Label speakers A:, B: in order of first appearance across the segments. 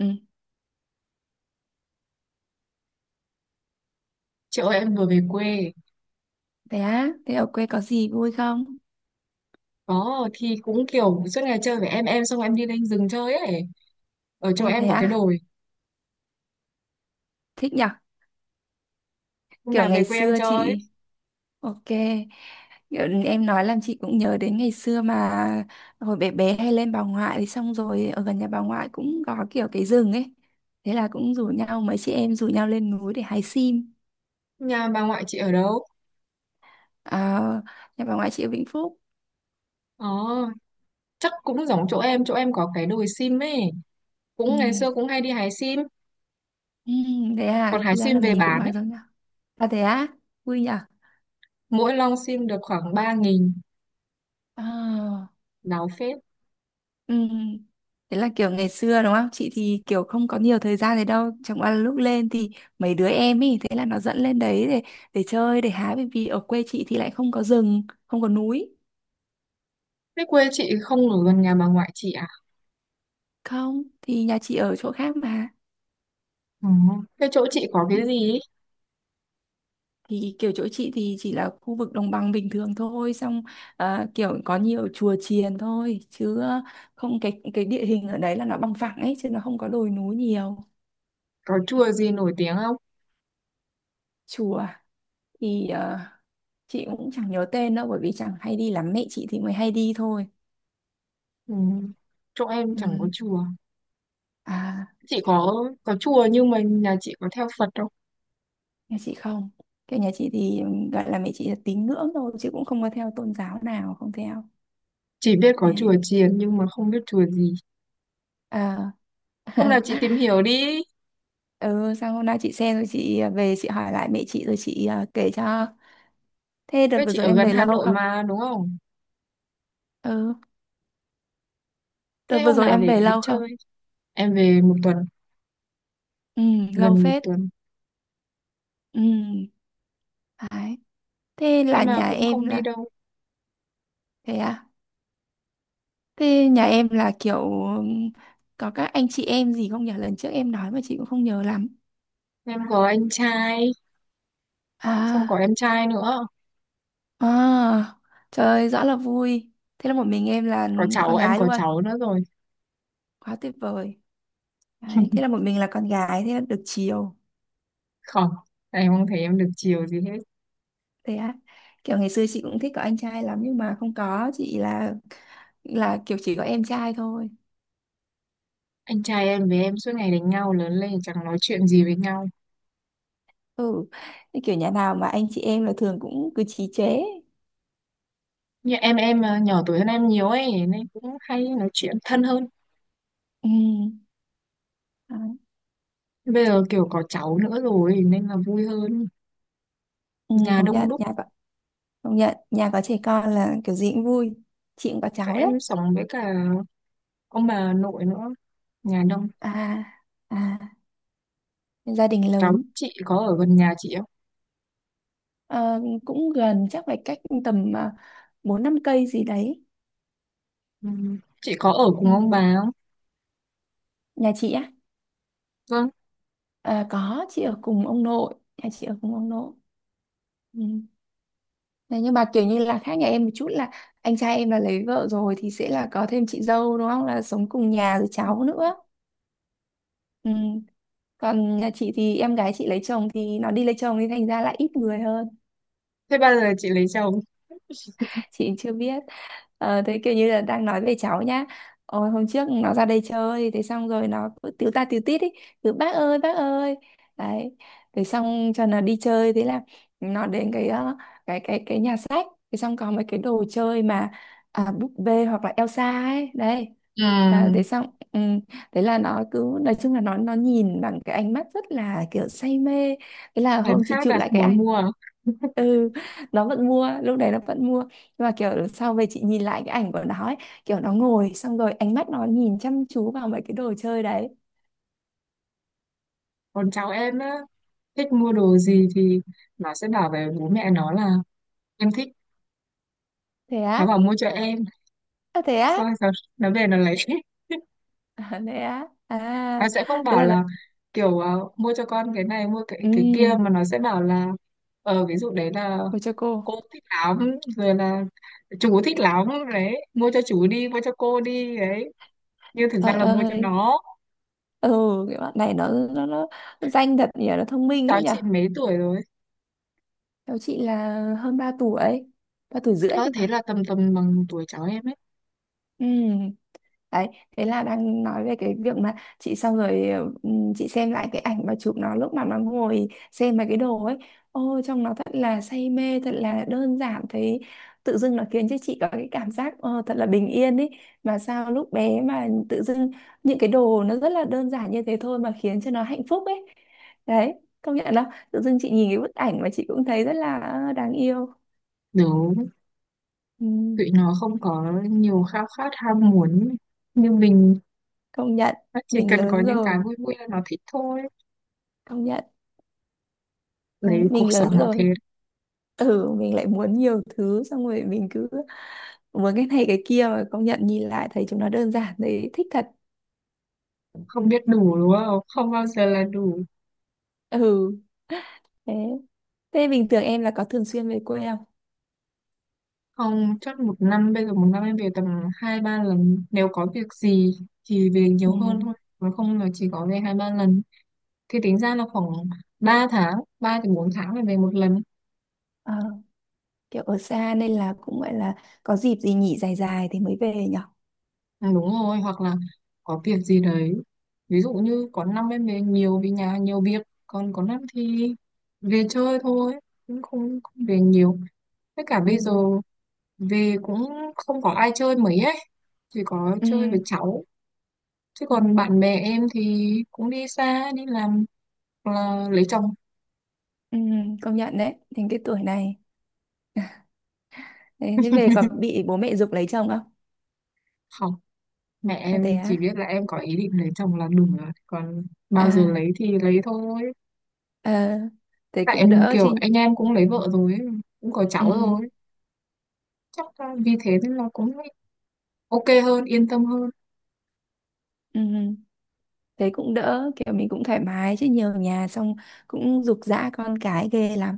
A: Ừ,
B: Chị ơi, em vừa về quê.
A: thế á, thế ở quê có gì vui không?
B: Có, thì cũng kiểu suốt ngày chơi với em. Xong em đi lên rừng chơi ấy. Ở chỗ
A: Ôi thế
B: em có cái
A: á,
B: đồi.
A: thích nhở,
B: Hôm
A: kiểu
B: nào về
A: ngày
B: quê em
A: xưa
B: chơi.
A: chị, ok, kiểu em nói làm chị cũng nhớ đến ngày xưa mà hồi bé bé hay lên bà ngoại thì xong rồi ở gần nhà bà ngoại cũng có kiểu cái rừng ấy, thế là cũng rủ nhau, mấy chị em rủ nhau lên núi để hái sim,
B: Nhà bà ngoại chị ở đâu?
A: à, nhà bà ngoại chị ở Vĩnh Phúc,
B: Ờ, chắc cũng giống chỗ em. Chỗ em có cái đồi sim ấy.
A: ừ,
B: Cũng ngày xưa cũng hay đi hái sim.
A: ừ, thế
B: Còn
A: à,
B: hái
A: thì ra
B: sim
A: là
B: về
A: mình cũng
B: bán
A: nói
B: ấy.
A: giống nhau, à thế á, vui nhở,
B: Mỗi lon sim được khoảng 3.000.
A: à.
B: Láo phết.
A: Ừ. Thế là kiểu ngày xưa đúng không? Chị thì kiểu không có nhiều thời gian đấy đâu. Chẳng qua là lúc lên thì mấy đứa em ý, thế là nó dẫn lên đấy để chơi, để hái. Bởi vì ở quê chị thì lại không có rừng, không có núi.
B: Thế quê chị không ở gần nhà bà ngoại chị à?
A: Không, thì nhà chị ở chỗ khác mà.
B: Ừ. Thế chỗ chị có
A: Ừ.
B: cái gì ấy?
A: Thì kiểu chỗ chị thì chỉ là khu vực đồng bằng bình thường thôi. Xong à, kiểu có nhiều chùa chiền thôi. Chứ không cái địa hình ở đấy là nó bằng phẳng ấy. Chứ nó không có đồi núi nhiều.
B: Có chùa gì nổi tiếng không?
A: Chùa thì chị cũng chẳng nhớ tên đâu bởi vì chẳng hay đi lắm mẹ chị thì mới hay đi thôi
B: Ừ. Chỗ em chẳng có
A: ừ.
B: chùa.
A: À,
B: Chị có chùa nhưng mà nhà chị có theo Phật không?
A: nhà chị không, kiểu nhà chị thì gọi là mẹ chị là tín ngưỡng thôi chứ cũng không có theo tôn giáo nào, không theo.
B: Chỉ biết có chùa
A: Đấy.
B: chiền nhưng mà không biết chùa gì.
A: À,
B: Hôm nào chị tìm hiểu đi.
A: ừ sang hôm nay chị xem rồi chị à, về chị hỏi lại mẹ chị rồi chị à, kể cho thế đợt
B: Với
A: vừa
B: chị
A: rồi
B: ở
A: em
B: gần
A: về
B: Hà
A: lâu
B: Nội
A: không.
B: mà đúng không?
A: Ừ, đợt
B: Thế
A: vừa
B: hôm
A: rồi
B: nào
A: em
B: để
A: về
B: đi
A: lâu
B: chơi.
A: không.
B: Em về một tuần,
A: Ừ, lâu
B: gần một
A: phết.
B: tuần.
A: Ừ, đấy, thế là
B: Nhưng mà
A: nhà
B: cũng
A: em
B: không đi
A: là
B: đâu.
A: thế à. Thế nhà em là kiểu có các anh chị em gì không nhỉ? Lần trước em nói mà chị cũng không nhớ lắm.
B: Em có anh trai, xong có
A: À,
B: em trai nữa.
A: à, trời ơi, rõ là vui. Thế là một mình em là
B: Có cháu,
A: con
B: em
A: gái
B: có
A: luôn.
B: cháu nữa rồi.
A: Quá tuyệt vời. Đấy, thế là một mình là con gái, thế là được chiều.
B: Không, em không thấy em được chiều gì hết.
A: Thế á. Kiểu ngày xưa chị cũng thích có anh trai lắm nhưng mà không có, chị là kiểu chỉ có em trai thôi.
B: Anh trai em với em suốt ngày đánh nhau, lớn lên chẳng nói chuyện gì với nhau.
A: Ừ. Thế kiểu nhà nào mà anh chị em là thường cũng cứ chí chế.
B: Như em à, nhỏ tuổi hơn em nhiều ấy nên cũng hay nói chuyện thân hơn.
A: Ừ. Đấy.
B: Bây giờ kiểu có cháu nữa rồi nên là vui hơn.
A: Ừ,
B: Nhà
A: công
B: đông
A: nhận
B: đúc,
A: nhà có trẻ con là kiểu gì cũng vui, chị cũng có cháu đấy.
B: em sống với cả ông bà nội nữa, nhà đông.
A: À, à, gia đình
B: Cháu
A: lớn.
B: chị có ở gần nhà chị không?
A: Ờ, cũng gần, chắc phải cách tầm 4 5 cây gì đấy.
B: Ừ. Chị có ở
A: Ừ.
B: cùng ông bà không?
A: Nhà chị á,
B: Vâng.
A: à, có chị ở cùng ông nội, nhà chị ở cùng ông nội. Ừ. Thế nhưng mà kiểu như là khác nhà em một chút là anh trai em là lấy vợ rồi thì sẽ là có thêm chị dâu đúng không, là sống cùng nhà rồi cháu nữa. Ừ, còn nhà chị thì em gái chị lấy chồng, thì nó đi lấy chồng thì thành ra là ít người hơn.
B: Thế bao giờ chị lấy chồng?
A: Chị chưa biết. Ờ, thế kiểu như là đang nói về cháu nhá. Ôi, hôm trước nó ra đây chơi thế xong rồi nó cứ tíu ta tíu tít ý, cứ bác ơi bác ơi, đấy, thế xong cho nó đi chơi thế là nó đến cái ờ, cái nhà sách, thế xong có mấy cái đồ chơi mà à, búp bê hoặc là Elsa ấy đấy.
B: Ừ.
A: À, thế xong ừ, thế là nó cứ, nói chung là nó nhìn bằng cái ánh mắt rất là kiểu say mê, thế là
B: Em
A: hôm chị
B: khác
A: chụp
B: à,
A: lại cái
B: muốn
A: ảnh.
B: mua à?
A: Ừ, nó vẫn mua, lúc đấy nó vẫn mua, nhưng mà kiểu sau về chị nhìn lại cái ảnh của nó ấy, kiểu nó ngồi xong rồi ánh mắt nó nhìn chăm chú vào mấy cái đồ chơi đấy.
B: Còn cháu em á, thích mua đồ gì thì nó sẽ bảo về bố mẹ nó là em thích,
A: Thế
B: nó
A: á.
B: bảo mua cho em.
A: À, thế á.
B: Xong rồi nó về nó lấy.
A: À, thế á. À,
B: Nó sẽ không
A: thế
B: bảo
A: là nó...
B: là kiểu mua cho con cái này, mua cái kia,
A: ừm,
B: mà nó sẽ bảo là ví dụ đấy là
A: ôi cho cô,
B: cô thích lắm, rồi là chú thích lắm, đấy mua cho chú đi, mua cho cô đi đấy, nhưng thực ra
A: trời
B: là mua cho
A: ơi.
B: nó.
A: Ừ, cái bạn này nó, danh thật nhỉ, nó thông minh ấy
B: Cháu
A: nhỉ.
B: chị mấy tuổi rồi?
A: Cháu chị là hơn 3 tuổi, 3 tuổi rưỡi
B: Ờ
A: thì
B: thế
A: phải.
B: là tầm tầm bằng tuổi cháu em ấy.
A: Ừ, đấy, thế là đang nói về cái việc mà chị xong rồi. Chị xem lại cái ảnh mà chụp nó lúc mà nó ngồi xem mấy cái đồ ấy, ôi trông nó thật là say mê, thật là đơn giản thấy, tự dưng nó khiến cho chị có cái cảm giác thật là bình yên ấy. Mà sao lúc bé mà tự dưng những cái đồ nó rất là đơn giản như thế thôi mà khiến cho nó hạnh phúc ấy. Đấy, công nhận đó, tự dưng chị nhìn cái bức ảnh mà chị cũng thấy rất là đáng yêu.
B: Đúng,
A: Ừm,
B: tụi nó không có nhiều khao khát ham muốn như mình.
A: công nhận,
B: Nó chỉ
A: mình
B: cần có
A: lớn
B: những cái
A: rồi,
B: vui vui là nó thích thôi.
A: công nhận. Đấy,
B: Đấy cuộc
A: mình lớn
B: sống nó
A: rồi,
B: thế.
A: ừ mình lại muốn nhiều thứ xong rồi mình cứ muốn cái này cái kia, mà công nhận nhìn lại thấy chúng nó đơn giản đấy, thích thật.
B: Không biết đủ đúng không, không bao giờ là đủ.
A: Ừ, thế thế bình thường em là có thường xuyên về quê không.
B: Không, chắc một năm, bây giờ một năm em về tầm hai ba lần. Nếu có việc gì thì về
A: Ừ.
B: nhiều hơn thôi. Còn không là chỉ có về hai ba lần. Thì tính ra là khoảng 3 tháng, 3 đến 4 tháng là về một lần.
A: Ờ, kiểu ở xa nên là cũng gọi là có dịp gì nghỉ dài dài thì mới về nhở.
B: Ừ, đúng rồi, hoặc là có việc gì đấy. Ví dụ như có năm em về nhiều vì nhà nhiều việc, còn có năm thì về chơi thôi, cũng không về nhiều. Tất cả
A: Ừ.
B: bây giờ về cũng không có ai chơi mấy ấy, chỉ có
A: Ừ.
B: chơi với cháu. Chứ
A: Ừ.
B: còn bạn bè em thì cũng đi xa, đi làm hoặc là lấy chồng.
A: Ừ, công nhận đấy, đến cái tuổi này, đấy, thế về có bị bố mẹ giục lấy chồng không.
B: Không, mẹ
A: À thế
B: em chỉ
A: á.
B: biết là em có ý định lấy chồng là đúng rồi. Còn bao giờ
A: À.
B: lấy thì lấy thôi.
A: Ờ, thế
B: Tại
A: cũng
B: em
A: đỡ chứ.
B: kiểu anh em cũng lấy vợ rồi ấy, cũng có cháu
A: Ừ.
B: rồi. Chắc là vì thế nên là cũng ok hơn, yên tâm hơn.
A: Ừ. Ừ, thế cũng đỡ, kiểu mình cũng thoải mái chứ nhiều nhà xong cũng giục giã con cái ghê lắm.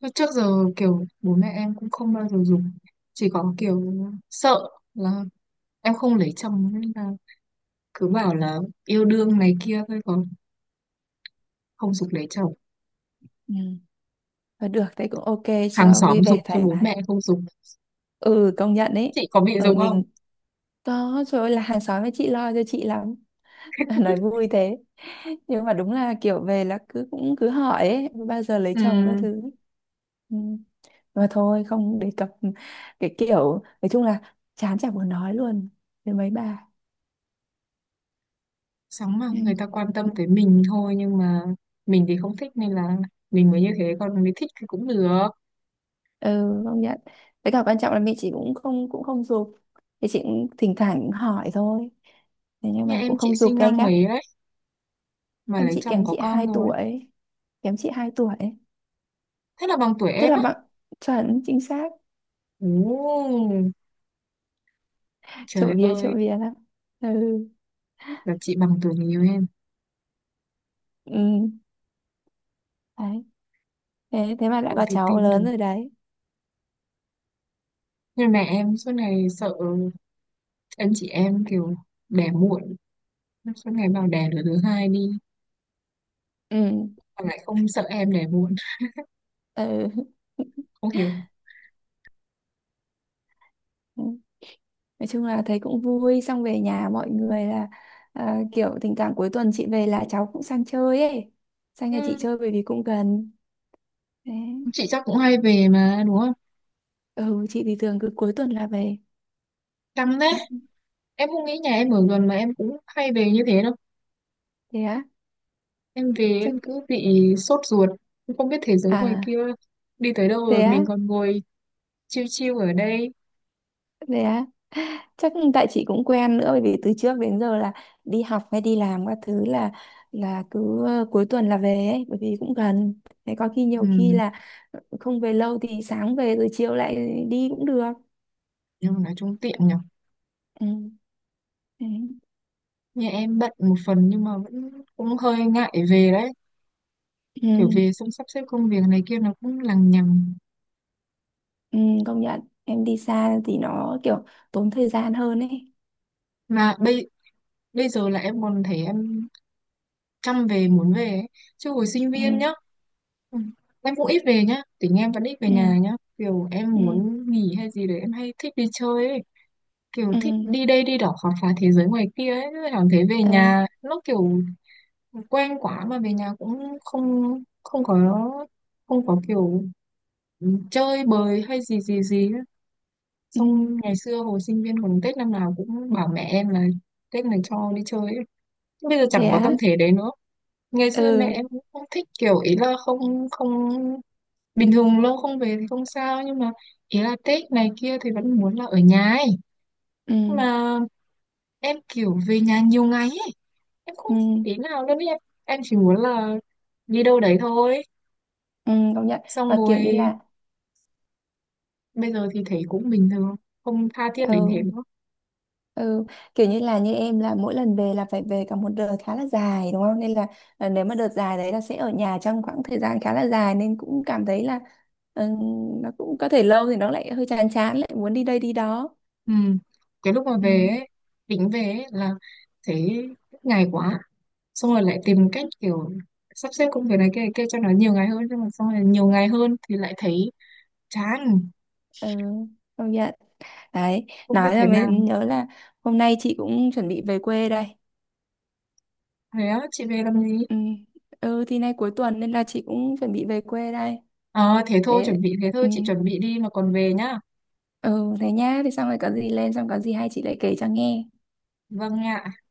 B: Mà trước giờ kiểu bố mẹ em cũng không bao giờ dùng. Chỉ có kiểu sợ là em không lấy chồng nên là cứ bảo là yêu đương này kia thôi, còn không giục lấy chồng.
A: Ừ, và được thế cũng ok,
B: Hàng
A: cho vui
B: xóm giục
A: vẻ
B: cho,
A: thoải
B: bố
A: mái.
B: mẹ không giục.
A: Ừ, công nhận ấy,
B: Chị có bị
A: ở
B: giống không?
A: mình có, trời ơi là hàng xóm với chị lo cho chị lắm. Nói vui thế, nhưng mà đúng là kiểu về là cứ cũng cứ hỏi ấy, bao giờ lấy chồng các
B: Ừm,
A: thứ. Ừ, mà thôi không đề cập, cái kiểu nói chung là chán chả muốn nói luôn với mấy bà.
B: sóng mà
A: Ừ.
B: người ta quan tâm tới mình thôi, nhưng mà mình thì không thích nên là mình mới như thế, còn mình thích thì cũng được.
A: Ừ, công nhận, với cả quan trọng là mẹ chị cũng không giục, thì chị cũng thỉnh thoảng cũng hỏi thôi, thế nhưng
B: Như
A: mà cũng
B: em chị
A: không giục
B: sinh
A: gay
B: năm
A: gắt.
B: mấy đấy mà
A: Em
B: lấy
A: chị
B: chồng
A: kém
B: có
A: chị
B: con
A: hai
B: rồi,
A: tuổi kém chị 2 tuổi,
B: thế là bằng tuổi
A: tức
B: em
A: là
B: á.
A: bạn, chuẩn chính xác,
B: Ồ, trời
A: trộm
B: ơi,
A: vía lắm. Ừ.
B: là chị bằng tuổi nhiều em.
A: Ừ, đấy, thế thế mà đã
B: Không
A: có
B: thể
A: cháu
B: tin được.
A: lớn rồi đấy.
B: Nhưng mẹ em suốt ngày sợ anh chị em kiểu đẻ muộn, suốt ngày bảo đẻ đứa thứ hai đi,
A: Ừ.
B: mà lại không sợ em đẻ muộn.
A: Ừ.
B: Không hiểu.
A: Nói chung là thấy cũng vui, xong về nhà mọi người là à, kiểu thỉnh thoảng cuối tuần chị về là cháu cũng sang chơi ấy, sang nhà chị
B: Ừm,
A: chơi bởi vì cũng gần. Đấy.
B: chị chắc cũng hay về mà đúng không?
A: Ừ, chị thì thường cứ cuối tuần là về.
B: Căng đấy.
A: Ừ, ừ.
B: Em không nghĩ nhà em ở gần mà em cũng hay về như thế đâu.
A: Thế á.
B: Em về
A: Chắc,
B: em cứ bị sốt ruột, em không biết thế giới ngoài
A: à
B: kia đi tới đâu
A: thế
B: rồi,
A: á,
B: mình còn ngồi chiêu chiêu ở đây.
A: thế á, chắc tại chị cũng quen nữa bởi vì từ trước đến giờ là đi học hay đi làm các thứ là cứ cuối tuần là về ấy, bởi vì cũng gần, thế có khi nhiều khi
B: Ừ,
A: là không về lâu thì sáng về rồi chiều lại đi cũng được.
B: nhưng mà nói chung tiện nhở.
A: Ừ. Đấy.
B: Nhà em bận một phần nhưng mà vẫn cũng hơi ngại về đấy.
A: Ừ.
B: Kiểu về xong sắp xếp công việc này kia nó cũng lằng nhằng.
A: Ừ, công nhận em đi xa thì nó kiểu tốn thời gian hơn ấy.
B: Mà bây bây giờ là em còn thấy em chăm về, muốn về ấy. Chứ hồi sinh
A: Ừ,
B: viên nhá. Ừ, em cũng ít về nhá, tính em vẫn ít về
A: ừ,
B: nhà nhá. Kiểu em
A: ừ,
B: muốn nghỉ hay gì đấy em hay thích đi chơi ấy, kiểu
A: ừ,
B: thích đi đây đi đó khám phá thế giới ngoài kia ấy. Thế cảm thấy về
A: ừ,
B: nhà nó kiểu quen quá, mà về nhà cũng không, không có không có kiểu chơi bời hay gì gì gì ấy.
A: ừ.
B: Xong ngày xưa hồi sinh viên còn Tết năm nào cũng bảo mẹ em là Tết này cho đi chơi ấy. Bây giờ
A: Thế
B: chẳng có tâm
A: á.
B: thế đấy nữa. Ngày xưa mẹ
A: Ừ,
B: em cũng không thích kiểu, ý là không. Bình thường lâu không về thì không sao, nhưng mà ý là Tết này kia thì vẫn muốn là ở nhà ấy.
A: ừ,
B: Mà em kiểu về nhà nhiều ngày ấy, em không
A: ừ,
B: tí nào luôn ý. Em chỉ muốn là đi đâu đấy thôi.
A: ừ, công nhận,
B: Xong
A: và kiểu như
B: rồi
A: là
B: bây giờ thì thấy cũng bình thường, không tha thiết đến thế
A: ừ,
B: nữa.
A: ừ, kiểu như là như em là mỗi lần về là phải về cả một đợt khá là dài đúng không, nên là ờ, nếu mà đợt dài đấy là sẽ ở nhà trong khoảng thời gian khá là dài, nên cũng cảm thấy là ừ, nó cũng có thể lâu thì nó lại hơi chán chán, lại muốn đi đây đi đó.
B: Ừ. Cái lúc mà
A: Ừ,
B: về ấy, tính về ấy là thấy ngày quá, xong rồi lại tìm cách kiểu sắp xếp công việc này kia cho nó nhiều ngày hơn, nhưng mà xong rồi nhiều ngày hơn thì lại thấy chán.
A: ừ, công nhận. Đấy,
B: Không biết
A: nói
B: thế
A: là mới
B: nào.
A: nhớ là hôm nay chị cũng chuẩn bị về quê đây.
B: Thế á, chị về làm gì?
A: Ừ, ừ thì nay cuối tuần nên là chị cũng chuẩn bị về quê đây.
B: Ờ thế thôi,
A: Thế,
B: chuẩn bị thế
A: ừ,
B: thôi, chị chuẩn bị đi mà còn về nhá.
A: ừ thế nhá, thì xong rồi có gì lên, xong có gì hay chị lại kể cho nghe.
B: Vâng ạ.